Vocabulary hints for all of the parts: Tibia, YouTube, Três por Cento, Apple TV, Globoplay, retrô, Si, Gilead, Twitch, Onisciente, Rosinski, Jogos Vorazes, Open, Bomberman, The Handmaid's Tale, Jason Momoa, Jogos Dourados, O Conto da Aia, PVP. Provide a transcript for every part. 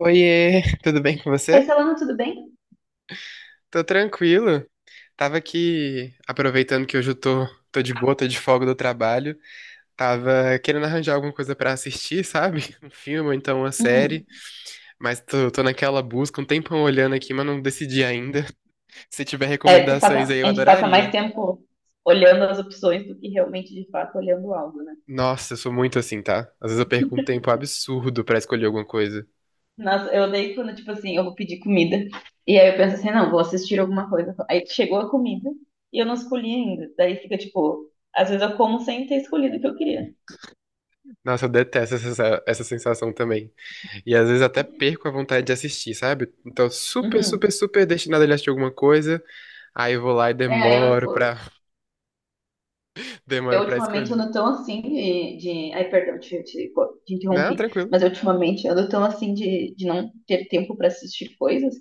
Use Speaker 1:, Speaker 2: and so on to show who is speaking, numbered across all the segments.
Speaker 1: Oiê, tudo bem com
Speaker 2: Oi,
Speaker 1: você?
Speaker 2: Solano, tudo bem?
Speaker 1: Tô tranquilo. Tava aqui aproveitando que hoje eu tô de boa, tô de folga do trabalho. Tava querendo arranjar alguma coisa pra assistir, sabe? Um filme ou então uma série.
Speaker 2: Hum.
Speaker 1: Mas tô naquela busca, um tempão olhando aqui, mas não decidi ainda. Se tiver
Speaker 2: É,
Speaker 1: recomendações aí, eu
Speaker 2: a gente passa mais
Speaker 1: adoraria.
Speaker 2: tempo olhando as opções do que realmente, de fato, olhando algo, né?
Speaker 1: Nossa, eu sou muito assim, tá? Às vezes eu perco um tempo absurdo pra escolher alguma coisa.
Speaker 2: Nossa, eu odeio quando, tipo assim, eu vou pedir comida. E aí eu penso assim, não, vou assistir alguma coisa. Aí chegou a comida e eu não escolhi ainda. Daí fica, tipo, às vezes eu como sem ter escolhido o que eu queria.
Speaker 1: Nossa, eu detesto essa sensação também. E às vezes até perco a vontade de assistir, sabe? Então, super,
Speaker 2: Uhum.
Speaker 1: super, super destinado a ele assistir alguma coisa. Aí eu vou lá e
Speaker 2: É, aí eu, tipo, eu
Speaker 1: demoro pra
Speaker 2: ultimamente
Speaker 1: escolher.
Speaker 2: ando tão assim Ai, perdão, te
Speaker 1: Não,
Speaker 2: interrompi.
Speaker 1: tranquilo.
Speaker 2: Mas eu, ultimamente ando tão assim de não ter tempo pra assistir coisas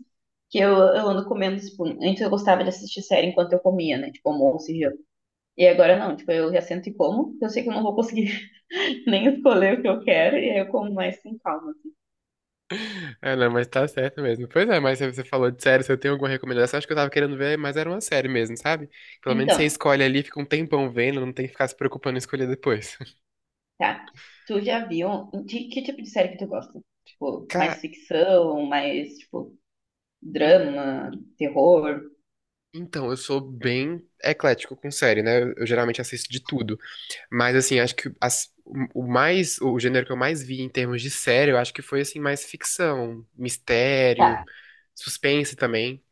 Speaker 2: que eu ando comendo, tipo, antes eu gostava de assistir série enquanto eu comia, né? Tipo, almoço e janta. E agora não, tipo, eu já sento e como, porque eu sei que eu não vou conseguir nem escolher o que eu quero, e aí eu como mais sem calma, assim.
Speaker 1: É, não, mas tá certo mesmo. Pois é, mas você falou de série, se eu tenho alguma recomendação, acho que eu tava querendo ver, mas era uma série mesmo, sabe? Pelo menos você
Speaker 2: Então,
Speaker 1: escolhe ali, fica um tempão vendo, não tem que ficar se preocupando em escolher depois.
Speaker 2: tá. Tu já viu, que tipo de série que tu gosta? Tipo, mais
Speaker 1: Cara,
Speaker 2: ficção, mais, tipo,
Speaker 1: en-
Speaker 2: drama, terror?
Speaker 1: então, eu sou bem eclético com série, né? Eu geralmente assisto de tudo. Mas assim, acho que o o gênero que eu mais vi em termos de série, eu acho que foi assim mais ficção,
Speaker 2: Tá.
Speaker 1: mistério, suspense também.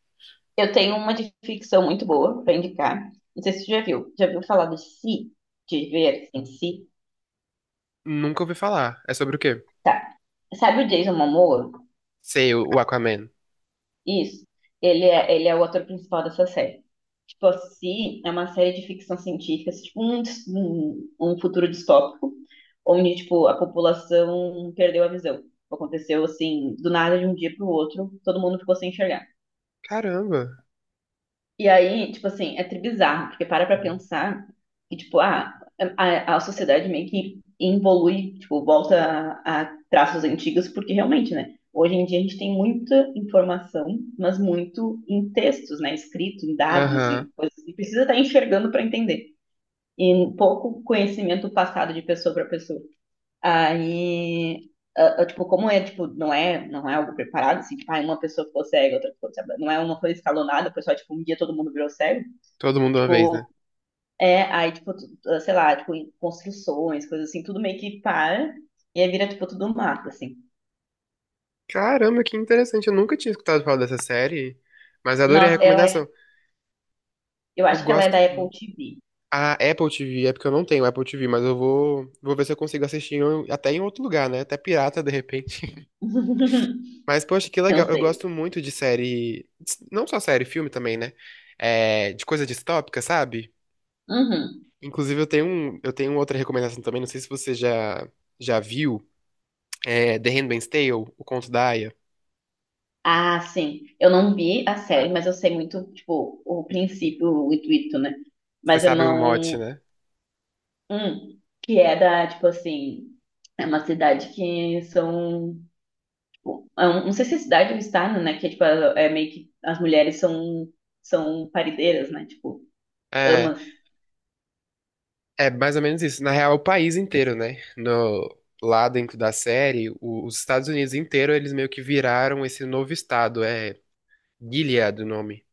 Speaker 2: Eu tenho uma de ficção muito boa para indicar. Não sei se você já viu. Já viu falar de Si? De ver em Si?
Speaker 1: Nunca ouvi falar. É sobre o quê?
Speaker 2: Tá. Sabe o Jason Momoa?
Speaker 1: Sei, o Aquaman.
Speaker 2: Isso. Ele é o ator principal dessa série. Tipo, a Si é uma série de ficção científica, assim, tipo um futuro distópico, onde, tipo, a população perdeu a visão. Aconteceu, assim, do nada, de um dia pro outro, todo mundo ficou sem enxergar.
Speaker 1: Caramba.
Speaker 2: E aí, tipo assim, é tribizarro, porque para pra pensar que, tipo, a sociedade meio que evolui, tipo, volta a traços antigos, porque realmente, né? Hoje em dia a gente tem muita informação, mas muito em textos, né? Escrito, em dados
Speaker 1: Aham.
Speaker 2: e coisas. E precisa estar enxergando para entender. E pouco conhecimento passado de pessoa para pessoa. Aí, tipo, como é, tipo, não é algo preparado, assim, tipo, uma pessoa ficou cega, outra ficou cega. Não é uma coisa escalonada, o pessoal, tipo, um dia todo mundo virou cego.
Speaker 1: Todo mundo uma vez,
Speaker 2: Tipo,
Speaker 1: né?
Speaker 2: é, aí, tipo, sei lá, tipo, construções, coisas assim, tudo meio que para. E aí vira, tipo, tudo mato, assim.
Speaker 1: Caramba, que interessante. Eu nunca tinha escutado falar dessa série, mas adorei a
Speaker 2: Nossa,
Speaker 1: recomendação.
Speaker 2: eu
Speaker 1: Eu
Speaker 2: acho que ela é
Speaker 1: gosto
Speaker 2: da Apple TV.
Speaker 1: a Apple TV, é porque eu não tenho Apple TV, mas eu vou ver se eu consigo assistir até em outro lugar, né? Até pirata, de repente. Mas, poxa, que
Speaker 2: Eu
Speaker 1: legal. Eu
Speaker 2: sei.
Speaker 1: gosto muito de série. Não só série, filme também, né? É, de coisa distópica, sabe?
Speaker 2: Uhum.
Speaker 1: Inclusive, eu tenho outra recomendação também. Não sei se você já viu. É The Handmaid's Tale, O Conto da Aia.
Speaker 2: Ah, sim. Eu não vi a série, mas eu sei muito, tipo, o princípio, o intuito, né?
Speaker 1: Você
Speaker 2: Mas eu
Speaker 1: sabe o mote,
Speaker 2: não.
Speaker 1: né?
Speaker 2: Que é da, tipo assim. É uma cidade que são. Tipo, não sei se é cidade ou estado, né? Que é, tipo, é meio que as mulheres são parideiras, né? Tipo,
Speaker 1: É,
Speaker 2: amas.
Speaker 1: é mais ou menos isso. Na real, é o país inteiro, né? No, lá dentro da série, os Estados Unidos inteiro, eles meio que viraram esse novo estado. É Gilead o nome.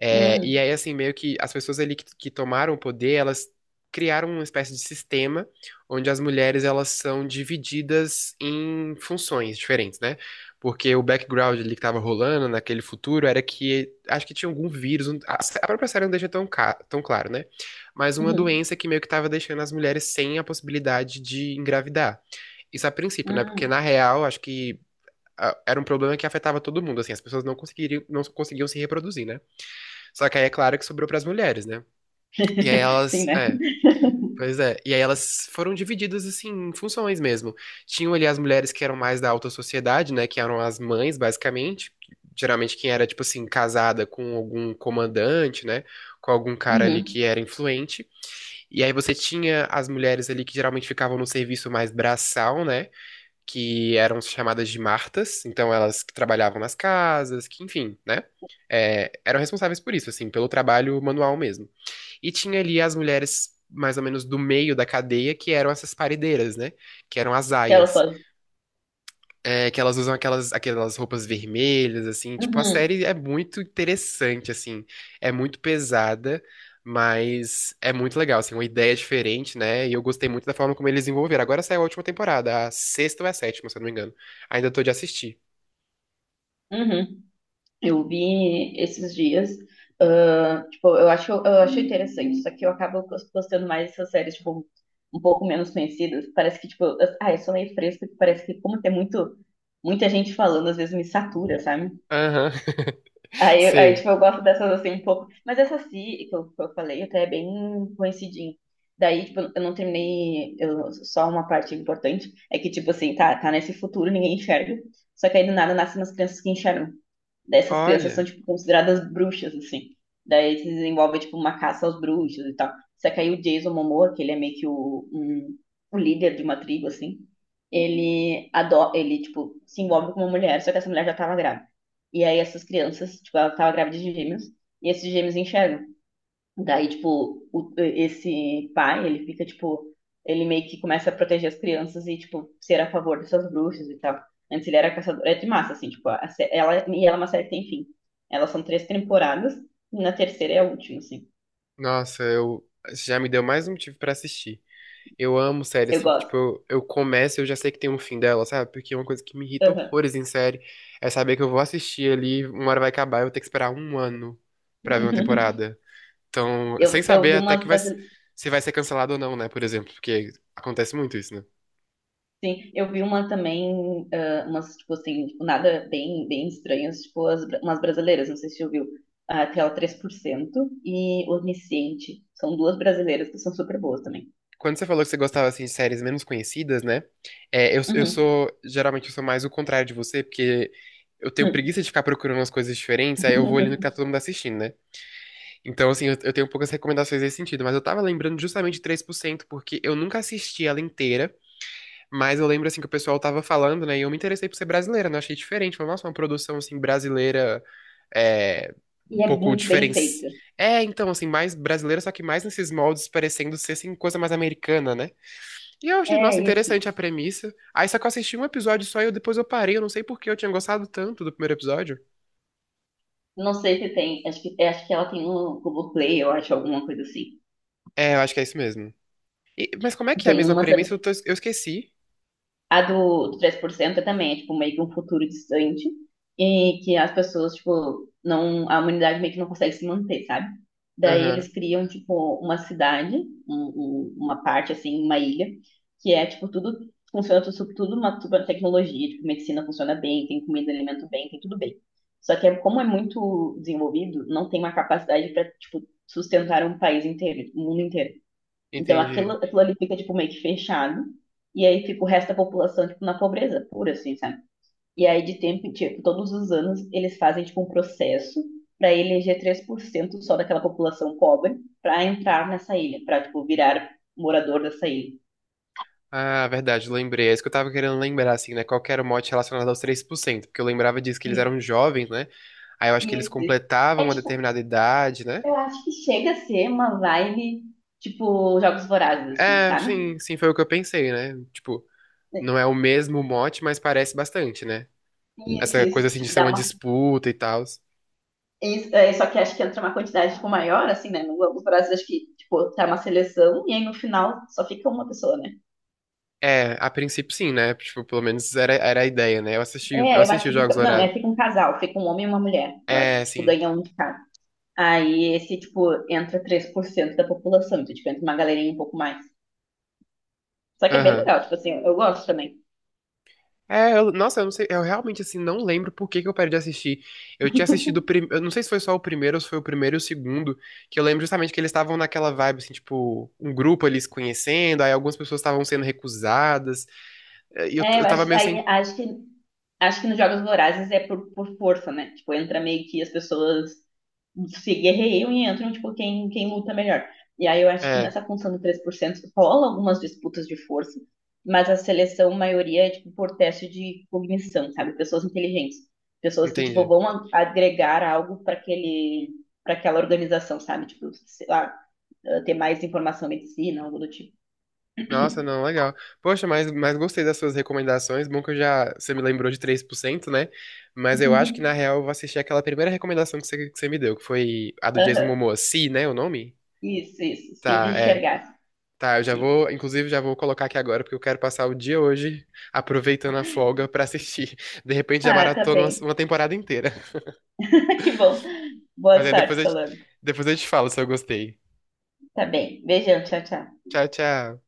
Speaker 1: É, e
Speaker 2: Hum,
Speaker 1: aí, assim, meio que as pessoas ali que tomaram o poder, elas criaram uma espécie de sistema onde as mulheres elas são divididas em funções diferentes, né? Porque o background ali que tava rolando naquele futuro era que acho que tinha algum vírus, a própria série não deixa tão claro, né? Mas uma
Speaker 2: uhum,
Speaker 1: doença que meio que tava deixando as mulheres sem a possibilidade de engravidar. Isso a princípio, né? Porque
Speaker 2: hum.
Speaker 1: na real, acho que era um problema que afetava todo mundo, assim, as pessoas não conseguiam se reproduzir, né? Só que aí é claro que sobrou pras mulheres, né? E aí
Speaker 2: Sim, né?
Speaker 1: pois é. E aí elas foram divididas assim em funções mesmo. Tinham ali as mulheres que eram mais da alta sociedade, né, que eram as mães, basicamente. Geralmente quem era tipo assim casada com algum comandante, né, com algum cara ali
Speaker 2: Uhum.
Speaker 1: que era influente. E aí você tinha as mulheres ali que geralmente ficavam no serviço mais braçal, né, que eram chamadas de martas, então elas que trabalhavam nas casas, que enfim, né? É, eram responsáveis por isso, assim, pelo trabalho manual mesmo. E tinha ali as mulheres mais ou menos do meio da cadeia, que eram essas paredeiras, né? Que eram as
Speaker 2: Ela
Speaker 1: aias.
Speaker 2: só.
Speaker 1: É, que elas usam aquelas roupas vermelhas, assim. Tipo, a
Speaker 2: Uhum,
Speaker 1: série é muito interessante, assim. É muito pesada, mas é muito legal, assim. Uma ideia diferente, né? E eu gostei muito da forma como eles desenvolveram. Agora saiu a última temporada, a sexta ou a sétima, se eu não me engano. Ainda tô de assistir.
Speaker 2: uhum. Eu vi esses dias. Tipo, eu acho interessante, só que eu acabo gostando mais dessas séries, tipo, um pouco menos conhecidas. Parece que, tipo, eu sou meio fresca, que parece que como tem muito, muita gente falando, às vezes me satura, sabe?
Speaker 1: Aham, sei.
Speaker 2: Tipo, eu gosto dessas assim um pouco. Mas essa si, que eu falei, até é bem coincidinho. Daí, tipo, eu não terminei. Eu, só uma parte importante é que, tipo assim, tá nesse futuro, ninguém enxerga. Só que aí do nada nascem umas crianças que enxergam. Daí essas crianças são,
Speaker 1: Olha,
Speaker 2: tipo, consideradas bruxas, assim. Daí se desenvolve, tipo, uma caça aos bruxos e tal. Só que aí o Jason Momoa, que ele é meio que o líder de uma tribo, assim. Ele tipo, se envolve com uma mulher, só que essa mulher já tava grávida. E aí essas crianças, tipo, ela tava grávida de gêmeos, e esses gêmeos enxergam. Daí, tipo, esse pai, ele fica, tipo, ele meio que começa a proteger as crianças e, tipo, ser a favor dessas bruxas e tal. Antes ele era caçador, é de massa, assim, tipo, e ela é uma série que tem fim. Elas são três temporadas, e na terceira é a última, assim.
Speaker 1: nossa, eu... já me deu mais um motivo pra assistir. Eu amo série,
Speaker 2: Eu
Speaker 1: assim, que,
Speaker 2: gosto.
Speaker 1: tipo, eu começo e eu já sei que tem um fim dela, sabe? Porque é uma coisa que me irrita
Speaker 2: Aham.
Speaker 1: horrores em série é saber que eu vou assistir ali, uma hora vai acabar, eu vou ter que esperar um ano pra ver uma temporada. Então, sem
Speaker 2: Eu
Speaker 1: saber
Speaker 2: vi
Speaker 1: até
Speaker 2: umas das.
Speaker 1: se vai ser cancelado ou não, né? Por exemplo, porque acontece muito isso, né?
Speaker 2: Sim, eu vi uma também, umas, tipo assim, tipo, nada bem, bem estranhas, tipo umas brasileiras, não sei se você ouviu. Ah, aquela 3% e Onisciente, são duas brasileiras que são super boas também.
Speaker 1: Quando você falou que você gostava, assim, de séries menos conhecidas, né? Eu
Speaker 2: Uhum.
Speaker 1: sou, geralmente, eu sou mais o contrário de você, porque eu tenho preguiça de ficar procurando umas coisas diferentes, aí eu vou ali no que tá todo mundo assistindo, né? Então, assim, eu tenho poucas recomendações nesse sentido, mas eu tava lembrando justamente de três por cento porque eu nunca assisti ela inteira, mas eu lembro, assim, que o pessoal tava falando, né, e eu me interessei por ser brasileira, né, eu achei diferente, falei, nossa, uma produção, assim, brasileira, é, um
Speaker 2: E é
Speaker 1: pouco
Speaker 2: muito bem
Speaker 1: diferente.
Speaker 2: feito.
Speaker 1: É, então, assim, mais brasileira, só que mais nesses moldes, parecendo ser, assim, coisa mais americana, né? E eu achei, nossa,
Speaker 2: É esse.
Speaker 1: interessante a premissa. Aí, só que eu assisti um episódio só depois eu parei, eu não sei por que eu tinha gostado tanto do primeiro episódio.
Speaker 2: Não sei se tem, acho que ela tem no Globoplay, eu acho, alguma coisa assim.
Speaker 1: É, eu acho que é isso mesmo. Mas como é que é a
Speaker 2: Tem
Speaker 1: mesma
Speaker 2: uma
Speaker 1: premissa? Eu esqueci.
Speaker 2: A do 3% também é, tipo, meio que um futuro distante e que as pessoas, tipo, não, a humanidade meio que não consegue se manter, sabe? Daí
Speaker 1: Aham.
Speaker 2: eles criam, tipo, uma cidade, uma parte, assim, uma ilha, que é, tipo, tudo, funciona tudo uma super tecnologia, tipo, medicina funciona bem, tem comida, alimento bem, tem tudo bem. Só que como é muito desenvolvido, não tem uma capacidade para, tipo, sustentar um país inteiro, um mundo inteiro. Então aquilo,
Speaker 1: Entendi.
Speaker 2: aquilo ali fica tipo meio que fechado. E aí fica o resto da população tipo na pobreza pura, assim, sabe? E aí de tempo, em tipo, todos os anos eles fazem tipo um processo para eleger 3% só daquela população pobre para entrar nessa ilha, para tipo virar morador dessa ilha.
Speaker 1: Ah, verdade, lembrei. É isso que eu tava querendo lembrar, assim, né? Qual que era o mote relacionado aos três por cento, porque eu lembrava disso que eles eram
Speaker 2: Isso,
Speaker 1: jovens, né? Aí eu acho que eles
Speaker 2: isso.
Speaker 1: completavam
Speaker 2: É
Speaker 1: uma
Speaker 2: tipo,
Speaker 1: determinada idade, né?
Speaker 2: eu acho que chega a ser uma vibe tipo Jogos Vorazes, assim,
Speaker 1: É,
Speaker 2: sabe?
Speaker 1: sim, sim, foi o que eu pensei, né? Tipo, não é o mesmo mote, mas parece bastante, né?
Speaker 2: Isso,
Speaker 1: Essa coisa
Speaker 2: isso,
Speaker 1: assim de
Speaker 2: tipo,
Speaker 1: ser
Speaker 2: dá
Speaker 1: uma
Speaker 2: uma.
Speaker 1: disputa e tal.
Speaker 2: Isso, é, só que acho que entra uma quantidade tipo, maior, assim, né? No Globo Brasil, acho que, tipo, tá uma seleção e aí no final só fica uma pessoa, né?
Speaker 1: É, a princípio sim, né? Tipo, pelo menos era a ideia, né? Eu
Speaker 2: É, eu acho
Speaker 1: assisti os
Speaker 2: que fica.
Speaker 1: Jogos
Speaker 2: Não,
Speaker 1: Dourados.
Speaker 2: é, fica um casal, fica um homem e uma mulher. Eu
Speaker 1: É,
Speaker 2: acho, tipo,
Speaker 1: sim.
Speaker 2: ganha um de cada. Aí esse, tipo, entra 3% da população, então, tipo, entra uma galerinha um pouco mais. Só que é bem
Speaker 1: Aham.
Speaker 2: legal, tipo assim, eu gosto também.
Speaker 1: Nossa, eu não sei, eu realmente assim não lembro por que que eu parei de assistir. Eu tinha assistido, eu não sei se foi só o primeiro ou se foi o primeiro e o segundo, que eu lembro justamente que eles estavam naquela vibe assim, tipo, um grupo ali se conhecendo, aí algumas pessoas estavam sendo recusadas,
Speaker 2: É,
Speaker 1: eu
Speaker 2: eu
Speaker 1: tava
Speaker 2: acho que
Speaker 1: meio sem,
Speaker 2: nos Jogos Vorazes é por força, né? Tipo, entra meio que as pessoas se guerreiam e entram, tipo, quem luta melhor. E aí eu acho que
Speaker 1: é,
Speaker 2: nessa função do 3% rola algumas disputas de força, mas a seleção, maioria, é, tipo, por teste de cognição, sabe? Pessoas inteligentes. Pessoas que, tipo,
Speaker 1: entendi.
Speaker 2: vão agregar algo para aquela organização, sabe? Tipo, sei lá, ter mais informação em medicina, algo do tipo.
Speaker 1: Nossa, não, legal. Poxa, mas gostei das suas recomendações. Bom que você me lembrou de três por cento né? Mas eu acho que na real eu vou assistir aquela primeira recomendação que que você me deu, que foi a do Jason
Speaker 2: Aham.
Speaker 1: Momoa, Si, né, o nome?
Speaker 2: Isso, isso. Se de
Speaker 1: Tá, é.
Speaker 2: enxergar.
Speaker 1: Tá, eu já
Speaker 2: Isso.
Speaker 1: vou, inclusive já vou colocar aqui agora, porque eu quero passar o dia hoje aproveitando a folga pra assistir. De repente já
Speaker 2: Ah, tá
Speaker 1: maratona
Speaker 2: bem.
Speaker 1: uma temporada inteira.
Speaker 2: Que bom.
Speaker 1: Mas
Speaker 2: Boa
Speaker 1: aí
Speaker 2: sorte, Solano.
Speaker 1: depois eu te falo se eu gostei.
Speaker 2: Tá bem. Beijão, tchau, tchau.
Speaker 1: Tchau, tchau.